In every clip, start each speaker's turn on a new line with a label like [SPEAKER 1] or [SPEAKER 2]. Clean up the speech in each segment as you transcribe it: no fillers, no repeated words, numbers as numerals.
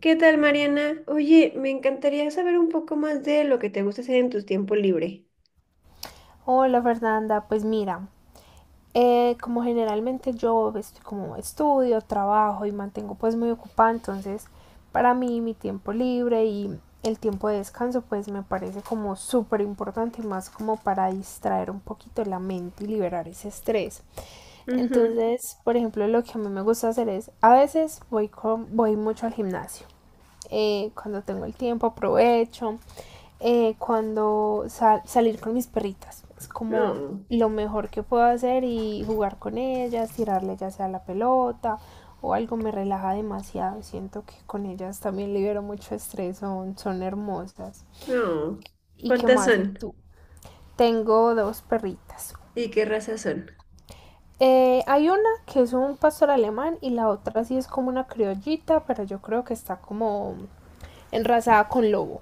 [SPEAKER 1] ¿Qué tal, Mariana? Oye, me encantaría saber un poco más de lo que te gusta hacer en tu tiempo libre.
[SPEAKER 2] Hola Fernanda, pues mira, como generalmente yo estoy como estudio, trabajo y mantengo pues muy ocupada. Entonces, para mí, mi tiempo libre y el tiempo de descanso pues me parece como súper importante y más como para distraer un poquito la mente y liberar ese estrés.
[SPEAKER 1] Ujú.
[SPEAKER 2] Entonces, por ejemplo, lo que a mí me gusta hacer es, a veces voy mucho al gimnasio. Cuando tengo el tiempo aprovecho. Cuando salir con mis perritas. Es como
[SPEAKER 1] No,
[SPEAKER 2] lo mejor que puedo hacer y jugar con ellas, tirarle ya sea la pelota o algo me relaja demasiado. Siento que con ellas también libero mucho estrés, son hermosas.
[SPEAKER 1] no.
[SPEAKER 2] ¿Y qué
[SPEAKER 1] ¿Cuántas
[SPEAKER 2] más? ¿Y
[SPEAKER 1] son?
[SPEAKER 2] tú? Tengo dos perritas.
[SPEAKER 1] ¿Y qué razas son?
[SPEAKER 2] Hay una que es un pastor alemán y la otra sí es como una criollita, pero yo creo que está como enrasada con lobo.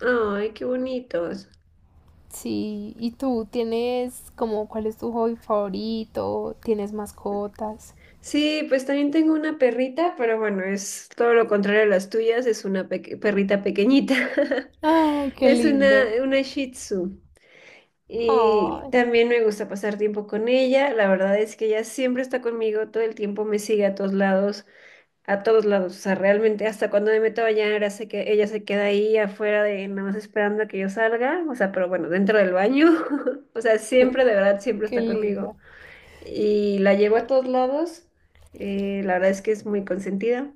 [SPEAKER 1] Ay, qué bonitos.
[SPEAKER 2] Sí, ¿y tú tienes como cuál es tu hobby favorito? ¿Tienes mascotas?
[SPEAKER 1] Sí, pues también tengo una perrita, pero bueno, es todo lo contrario a las tuyas, es una perrita pequeñita.
[SPEAKER 2] Ay, qué
[SPEAKER 1] Es una,
[SPEAKER 2] lindo.
[SPEAKER 1] una Shih Tzu. Y
[SPEAKER 2] Ay,
[SPEAKER 1] también me gusta pasar tiempo con ella. La verdad es que ella siempre está conmigo, todo el tiempo me sigue a todos lados, a todos lados. O sea, realmente hasta cuando me meto a bañar, hace que ella se queda ahí afuera de nada más esperando a que yo salga. O sea, pero bueno, dentro del baño. O sea, siempre, de verdad, siempre
[SPEAKER 2] qué
[SPEAKER 1] está
[SPEAKER 2] linda.
[SPEAKER 1] conmigo. Y la llevo a todos lados. La verdad es que es muy consentida.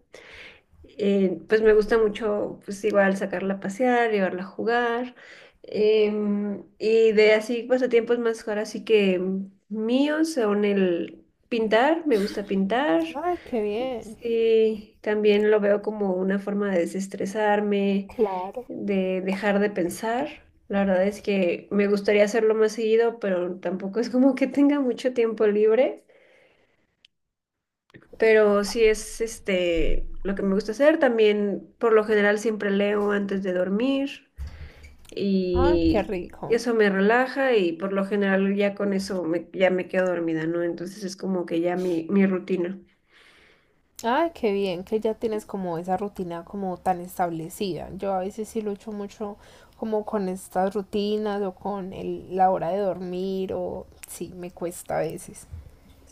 [SPEAKER 1] Pues me gusta mucho, pues igual sacarla a pasear, llevarla a jugar. Y de así pasatiempos más ahora sí que míos son el pintar, me gusta pintar.
[SPEAKER 2] Ay, qué bien.
[SPEAKER 1] Sí, también lo veo como una forma de desestresarme,
[SPEAKER 2] Claro.
[SPEAKER 1] de dejar de pensar. La verdad es que me gustaría hacerlo más seguido, pero tampoco es como que tenga mucho tiempo libre. Pero sí es este lo que me gusta hacer. También, por lo general, siempre leo antes de dormir
[SPEAKER 2] Ay, qué
[SPEAKER 1] y
[SPEAKER 2] rico.
[SPEAKER 1] eso me relaja y por lo general ya con eso ya me quedo dormida, ¿no? Entonces es como que ya mi rutina.
[SPEAKER 2] Ay, qué bien que ya tienes como esa rutina como tan establecida. Yo a veces sí lucho mucho como con estas rutinas o con la hora de dormir o sí, me cuesta a veces.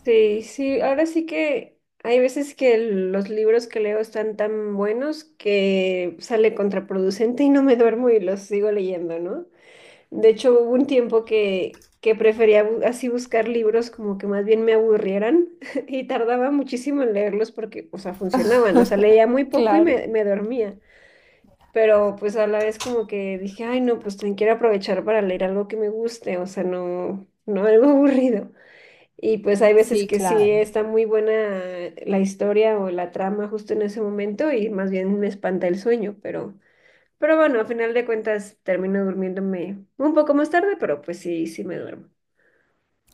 [SPEAKER 1] Sí, sí, ahora sí que hay veces que los libros que leo están tan buenos que sale contraproducente y no me duermo y los sigo leyendo, ¿no? De hecho, hubo un tiempo que prefería así buscar libros como que más bien me aburrieran y tardaba muchísimo en leerlos porque, o sea, funcionaban, o sea, leía muy poco y
[SPEAKER 2] Claro.
[SPEAKER 1] me dormía, pero pues a la vez como que dije, ay, no, pues también quiero aprovechar para leer algo que me guste, o sea, no algo aburrido. Y pues hay veces
[SPEAKER 2] Sí,
[SPEAKER 1] que sí
[SPEAKER 2] claro.
[SPEAKER 1] está muy buena la historia o la trama justo en ese momento y más bien me espanta el sueño, pero... Pero bueno, a final de cuentas termino durmiéndome un poco más tarde, pero pues sí, sí me duermo.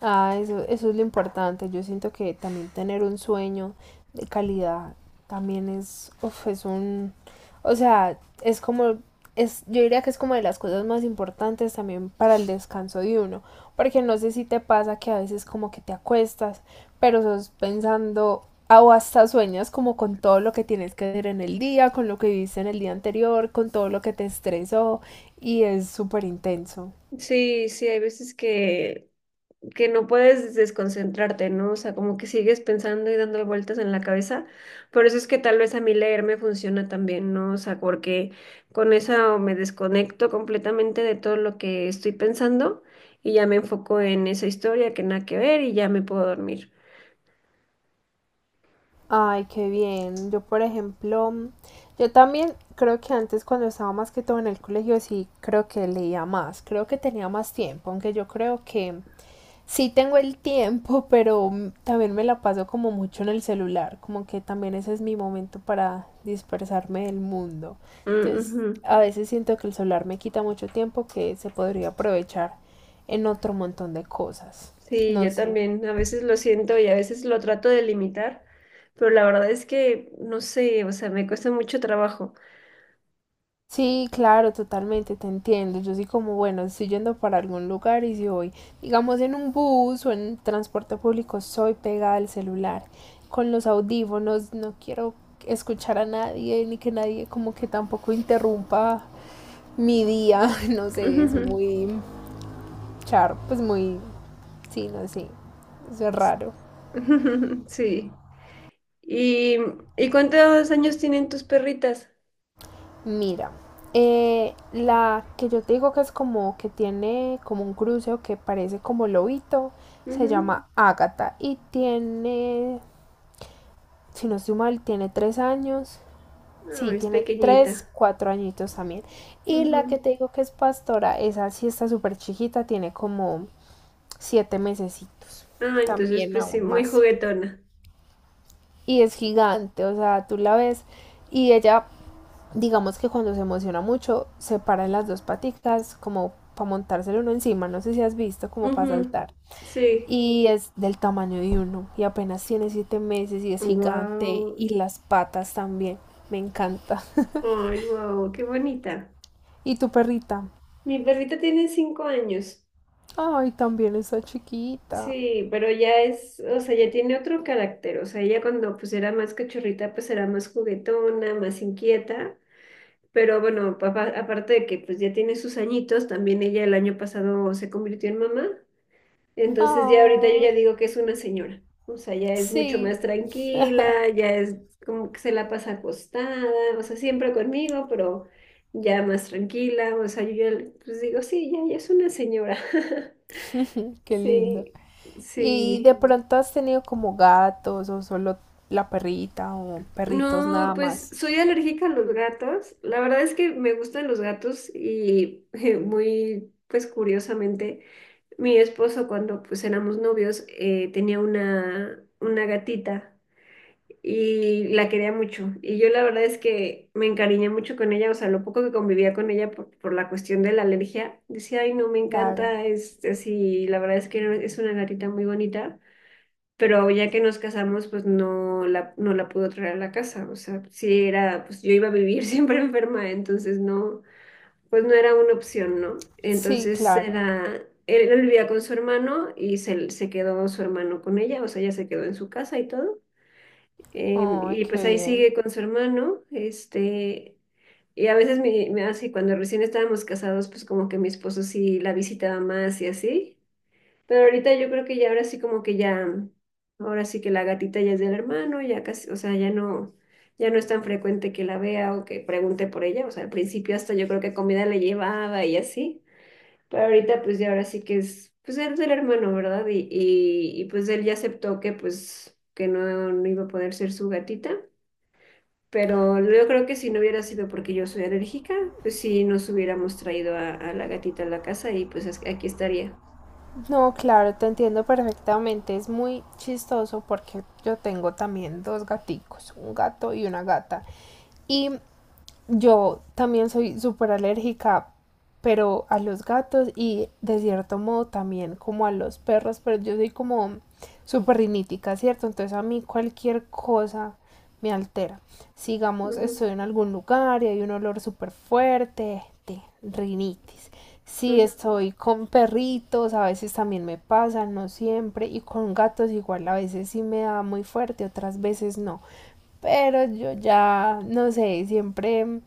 [SPEAKER 2] Ah, eso es lo importante. Yo siento que también tener un sueño de calidad también es, uf, es un, o sea, es como, yo diría que es como de las cosas más importantes también para el descanso de uno, porque no sé si te pasa que a veces como que te acuestas, pero sos pensando ah, o hasta sueñas como con todo lo que tienes que hacer en el día, con lo que viviste en el día anterior, con todo lo que te estresó y es súper intenso.
[SPEAKER 1] Sí, sí, hay veces que no puedes desconcentrarte, ¿no? O sea, como que sigues pensando y dando vueltas en la cabeza. Por eso es que tal vez a mí leer me funciona también, ¿no? O sea, porque con eso me desconecto completamente de todo lo que estoy pensando y ya me enfoco en esa historia que nada que ver y ya me puedo dormir.
[SPEAKER 2] Ay, qué bien. Yo, por ejemplo, yo también creo que antes cuando estaba más que todo en el colegio, sí creo que leía más, creo que tenía más tiempo, aunque yo creo que sí tengo el tiempo, pero también me la paso como mucho en el celular, como que también ese es mi momento para dispersarme del mundo.
[SPEAKER 1] Mm,
[SPEAKER 2] Entonces,
[SPEAKER 1] ujú.
[SPEAKER 2] a veces siento que el celular me quita mucho tiempo que se podría aprovechar en otro montón de cosas.
[SPEAKER 1] Sí,
[SPEAKER 2] No
[SPEAKER 1] yo
[SPEAKER 2] sé.
[SPEAKER 1] también a veces lo siento y a veces lo trato de limitar, pero la verdad es que no sé, o sea, me cuesta mucho trabajo.
[SPEAKER 2] Sí, claro, totalmente, te entiendo. Yo sí como, bueno, estoy yendo para algún lugar y si voy, digamos, en un bus o en transporte público, soy pegada al celular, con los audífonos, no quiero escuchar a nadie, ni que nadie como que tampoco interrumpa mi día, no sé, es
[SPEAKER 1] Ujujú.
[SPEAKER 2] muy char, pues muy, sí, no sé, eso es raro.
[SPEAKER 1] Sí. ¿Y, y cuántos años tienen tus perritas?
[SPEAKER 2] Mira, la que yo te digo que es como que tiene como un cruceo que parece como lobito, se
[SPEAKER 1] Ujú.
[SPEAKER 2] llama Ágata y tiene, si no estoy mal, tiene 3 años.
[SPEAKER 1] No,
[SPEAKER 2] Sí,
[SPEAKER 1] es
[SPEAKER 2] tiene tres,
[SPEAKER 1] pequeñita.
[SPEAKER 2] cuatro añitos también. Y la que
[SPEAKER 1] Ujú.
[SPEAKER 2] te digo que es pastora, esa sí está súper chiquita, tiene como 7 mesecitos,
[SPEAKER 1] Ah, entonces
[SPEAKER 2] también
[SPEAKER 1] pues sí,
[SPEAKER 2] aún
[SPEAKER 1] muy
[SPEAKER 2] más.
[SPEAKER 1] juguetona.
[SPEAKER 2] Y es gigante, o sea, tú la ves y ella digamos que cuando se emociona mucho, se para en las dos paticas como para montárselo uno encima, no sé si has visto como para
[SPEAKER 1] Ujú.
[SPEAKER 2] saltar.
[SPEAKER 1] Sí.
[SPEAKER 2] Y es del tamaño de uno y apenas tiene 7 meses y es gigante
[SPEAKER 1] Wow.
[SPEAKER 2] y las patas también, me encanta.
[SPEAKER 1] Ay, wow, qué bonita.
[SPEAKER 2] ¿Y tu perrita?
[SPEAKER 1] Mi perrita tiene 5 años.
[SPEAKER 2] Ay, también está chiquita.
[SPEAKER 1] Sí, pero ya es, o sea, ya tiene otro carácter, o sea, ella cuando pues era más cachorrita, pues era más juguetona, más inquieta, pero bueno, papá, aparte de que pues ya tiene sus añitos, también ella el año pasado se convirtió en mamá, entonces ya ahorita yo
[SPEAKER 2] Ah,
[SPEAKER 1] ya digo que es una señora, o sea, ya es mucho
[SPEAKER 2] sí,
[SPEAKER 1] más tranquila, ya es como que se la pasa acostada, o sea, siempre conmigo, pero ya más tranquila, o sea, yo ya pues digo, sí, ya, ya es una señora,
[SPEAKER 2] qué lindo.
[SPEAKER 1] sí,
[SPEAKER 2] ¿Y de
[SPEAKER 1] sí.
[SPEAKER 2] pronto has tenido como gatos o solo la perrita o perritos
[SPEAKER 1] No,
[SPEAKER 2] nada
[SPEAKER 1] pues
[SPEAKER 2] más?
[SPEAKER 1] soy alérgica a los gatos. La verdad es que me gustan los gatos y muy, pues curiosamente, mi esposo cuando pues éramos novios tenía una gatita y la quería mucho. Y yo la verdad es que me encariñé mucho con ella, o sea, lo poco que convivía con ella por la cuestión de la alergia, decía, ay, no, me
[SPEAKER 2] Claro,
[SPEAKER 1] encanta, es así, la verdad es que es una gatita muy bonita, pero ya que nos casamos, pues no la pudo traer a la casa, o sea, sí era, pues yo iba a vivir siempre enferma, entonces no, pues no era una opción, ¿no?
[SPEAKER 2] sí,
[SPEAKER 1] Entonces
[SPEAKER 2] claro.
[SPEAKER 1] era, él vivía con su hermano y se quedó su hermano con ella, o sea, ella se quedó en su casa y todo,
[SPEAKER 2] Ay,
[SPEAKER 1] y pues
[SPEAKER 2] qué
[SPEAKER 1] ahí
[SPEAKER 2] bien.
[SPEAKER 1] sigue con su hermano, este... Y a veces me así, cuando recién estábamos casados, pues como que mi esposo sí la visitaba más y así. Pero ahorita yo creo que ya ahora sí como que ya, ahora sí que la gatita ya es del hermano, ya casi, o sea, ya no, ya no es tan frecuente que la vea o que pregunte por ella. O sea, al principio hasta yo creo que comida le llevaba y así. Pero ahorita pues ya ahora sí que es, pues él es del hermano, ¿verdad? Y pues él ya aceptó que pues que no, no iba a poder ser su gatita. Pero yo creo que si no hubiera sido porque yo soy alérgica, pues sí nos hubiéramos traído a la gatita a la casa y pues aquí estaría.
[SPEAKER 2] No, claro, te entiendo perfectamente. Es muy chistoso porque yo tengo también dos gaticos, un gato y una gata. Y yo también soy súper alérgica, pero a los gatos y de cierto modo también como a los perros, pero yo soy como súper rinítica, ¿cierto? Entonces a mí cualquier cosa me altera. Sigamos,
[SPEAKER 1] Ujú,
[SPEAKER 2] estoy en algún lugar y hay un olor súper fuerte de rinitis. Si
[SPEAKER 1] ujú.
[SPEAKER 2] estoy con perritos, a veces también me pasa, no siempre, y con gatos igual, a veces sí me da muy fuerte, otras veces no. Pero yo ya, no sé, siempre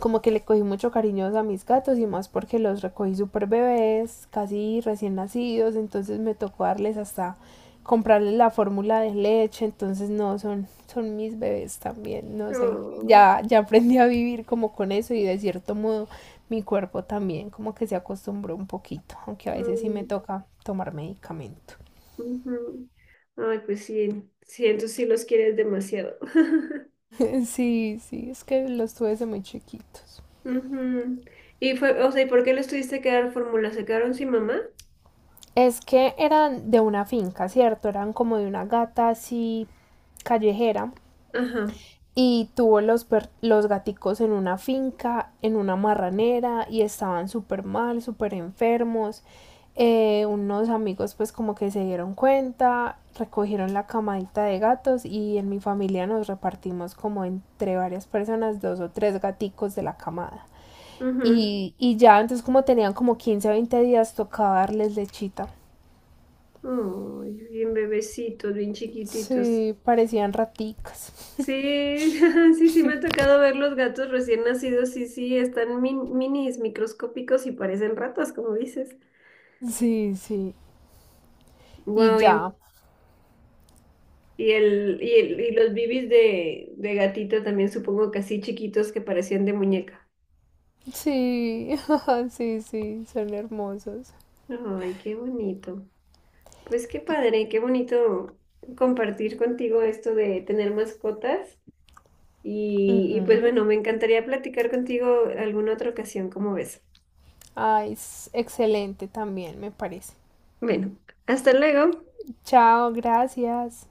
[SPEAKER 2] como que le cogí mucho cariño a mis gatos y más porque los recogí súper bebés, casi recién nacidos, entonces me tocó darles hasta comprarles la fórmula de leche, entonces no, son mis bebés también, no sé.
[SPEAKER 1] No.
[SPEAKER 2] Ya, ya aprendí a vivir como con eso y de cierto modo mi cuerpo también como que se acostumbró un poquito, aunque a veces sí me
[SPEAKER 1] Mm,
[SPEAKER 2] toca tomar medicamento.
[SPEAKER 1] ujú. Ay, pues sí, sí, entonces sí los quieres demasiado.
[SPEAKER 2] Sí, sí, es que los tuve desde muy chiquitos.
[SPEAKER 1] Ujú. Y fue, o sea, ¿y por qué les tuviste que dar fórmula? ¿Se quedaron sin mamá?
[SPEAKER 2] Es que eran de una finca, ¿cierto? Eran como de una gata así callejera
[SPEAKER 1] Ajá.
[SPEAKER 2] y tuvo los gaticos en una finca, en una marranera y estaban súper mal, súper enfermos. Unos amigos pues como que se dieron cuenta, recogieron la camadita de gatos y en mi familia nos repartimos como entre varias personas dos o tres gaticos de la camada.
[SPEAKER 1] Ujú.
[SPEAKER 2] Y ya entonces como tenían como 15 o 20 días tocaba darles lechita.
[SPEAKER 1] Ay, bien bebecitos, bien chiquititos.
[SPEAKER 2] Sí, parecían raticas.
[SPEAKER 1] Sí, sí, sí, me ha tocado ver los gatos recién nacidos. Sí, sí, están minis, microscópicos y parecen ratas, como dices.
[SPEAKER 2] Sí, sí. Y
[SPEAKER 1] Wow,
[SPEAKER 2] ya.
[SPEAKER 1] y el, y los bibis de gatito también supongo que así chiquitos que parecían de muñeca.
[SPEAKER 2] Sí, sí, sí, son hermosos.
[SPEAKER 1] Ay, qué bonito. Pues qué padre, qué bonito compartir contigo esto de tener mascotas. Y pues
[SPEAKER 2] Ujú.
[SPEAKER 1] bueno, me encantaría platicar contigo alguna otra ocasión, como ves.
[SPEAKER 2] Ay, es excelente también, me parece.
[SPEAKER 1] Bueno, hasta luego.
[SPEAKER 2] Chao, gracias.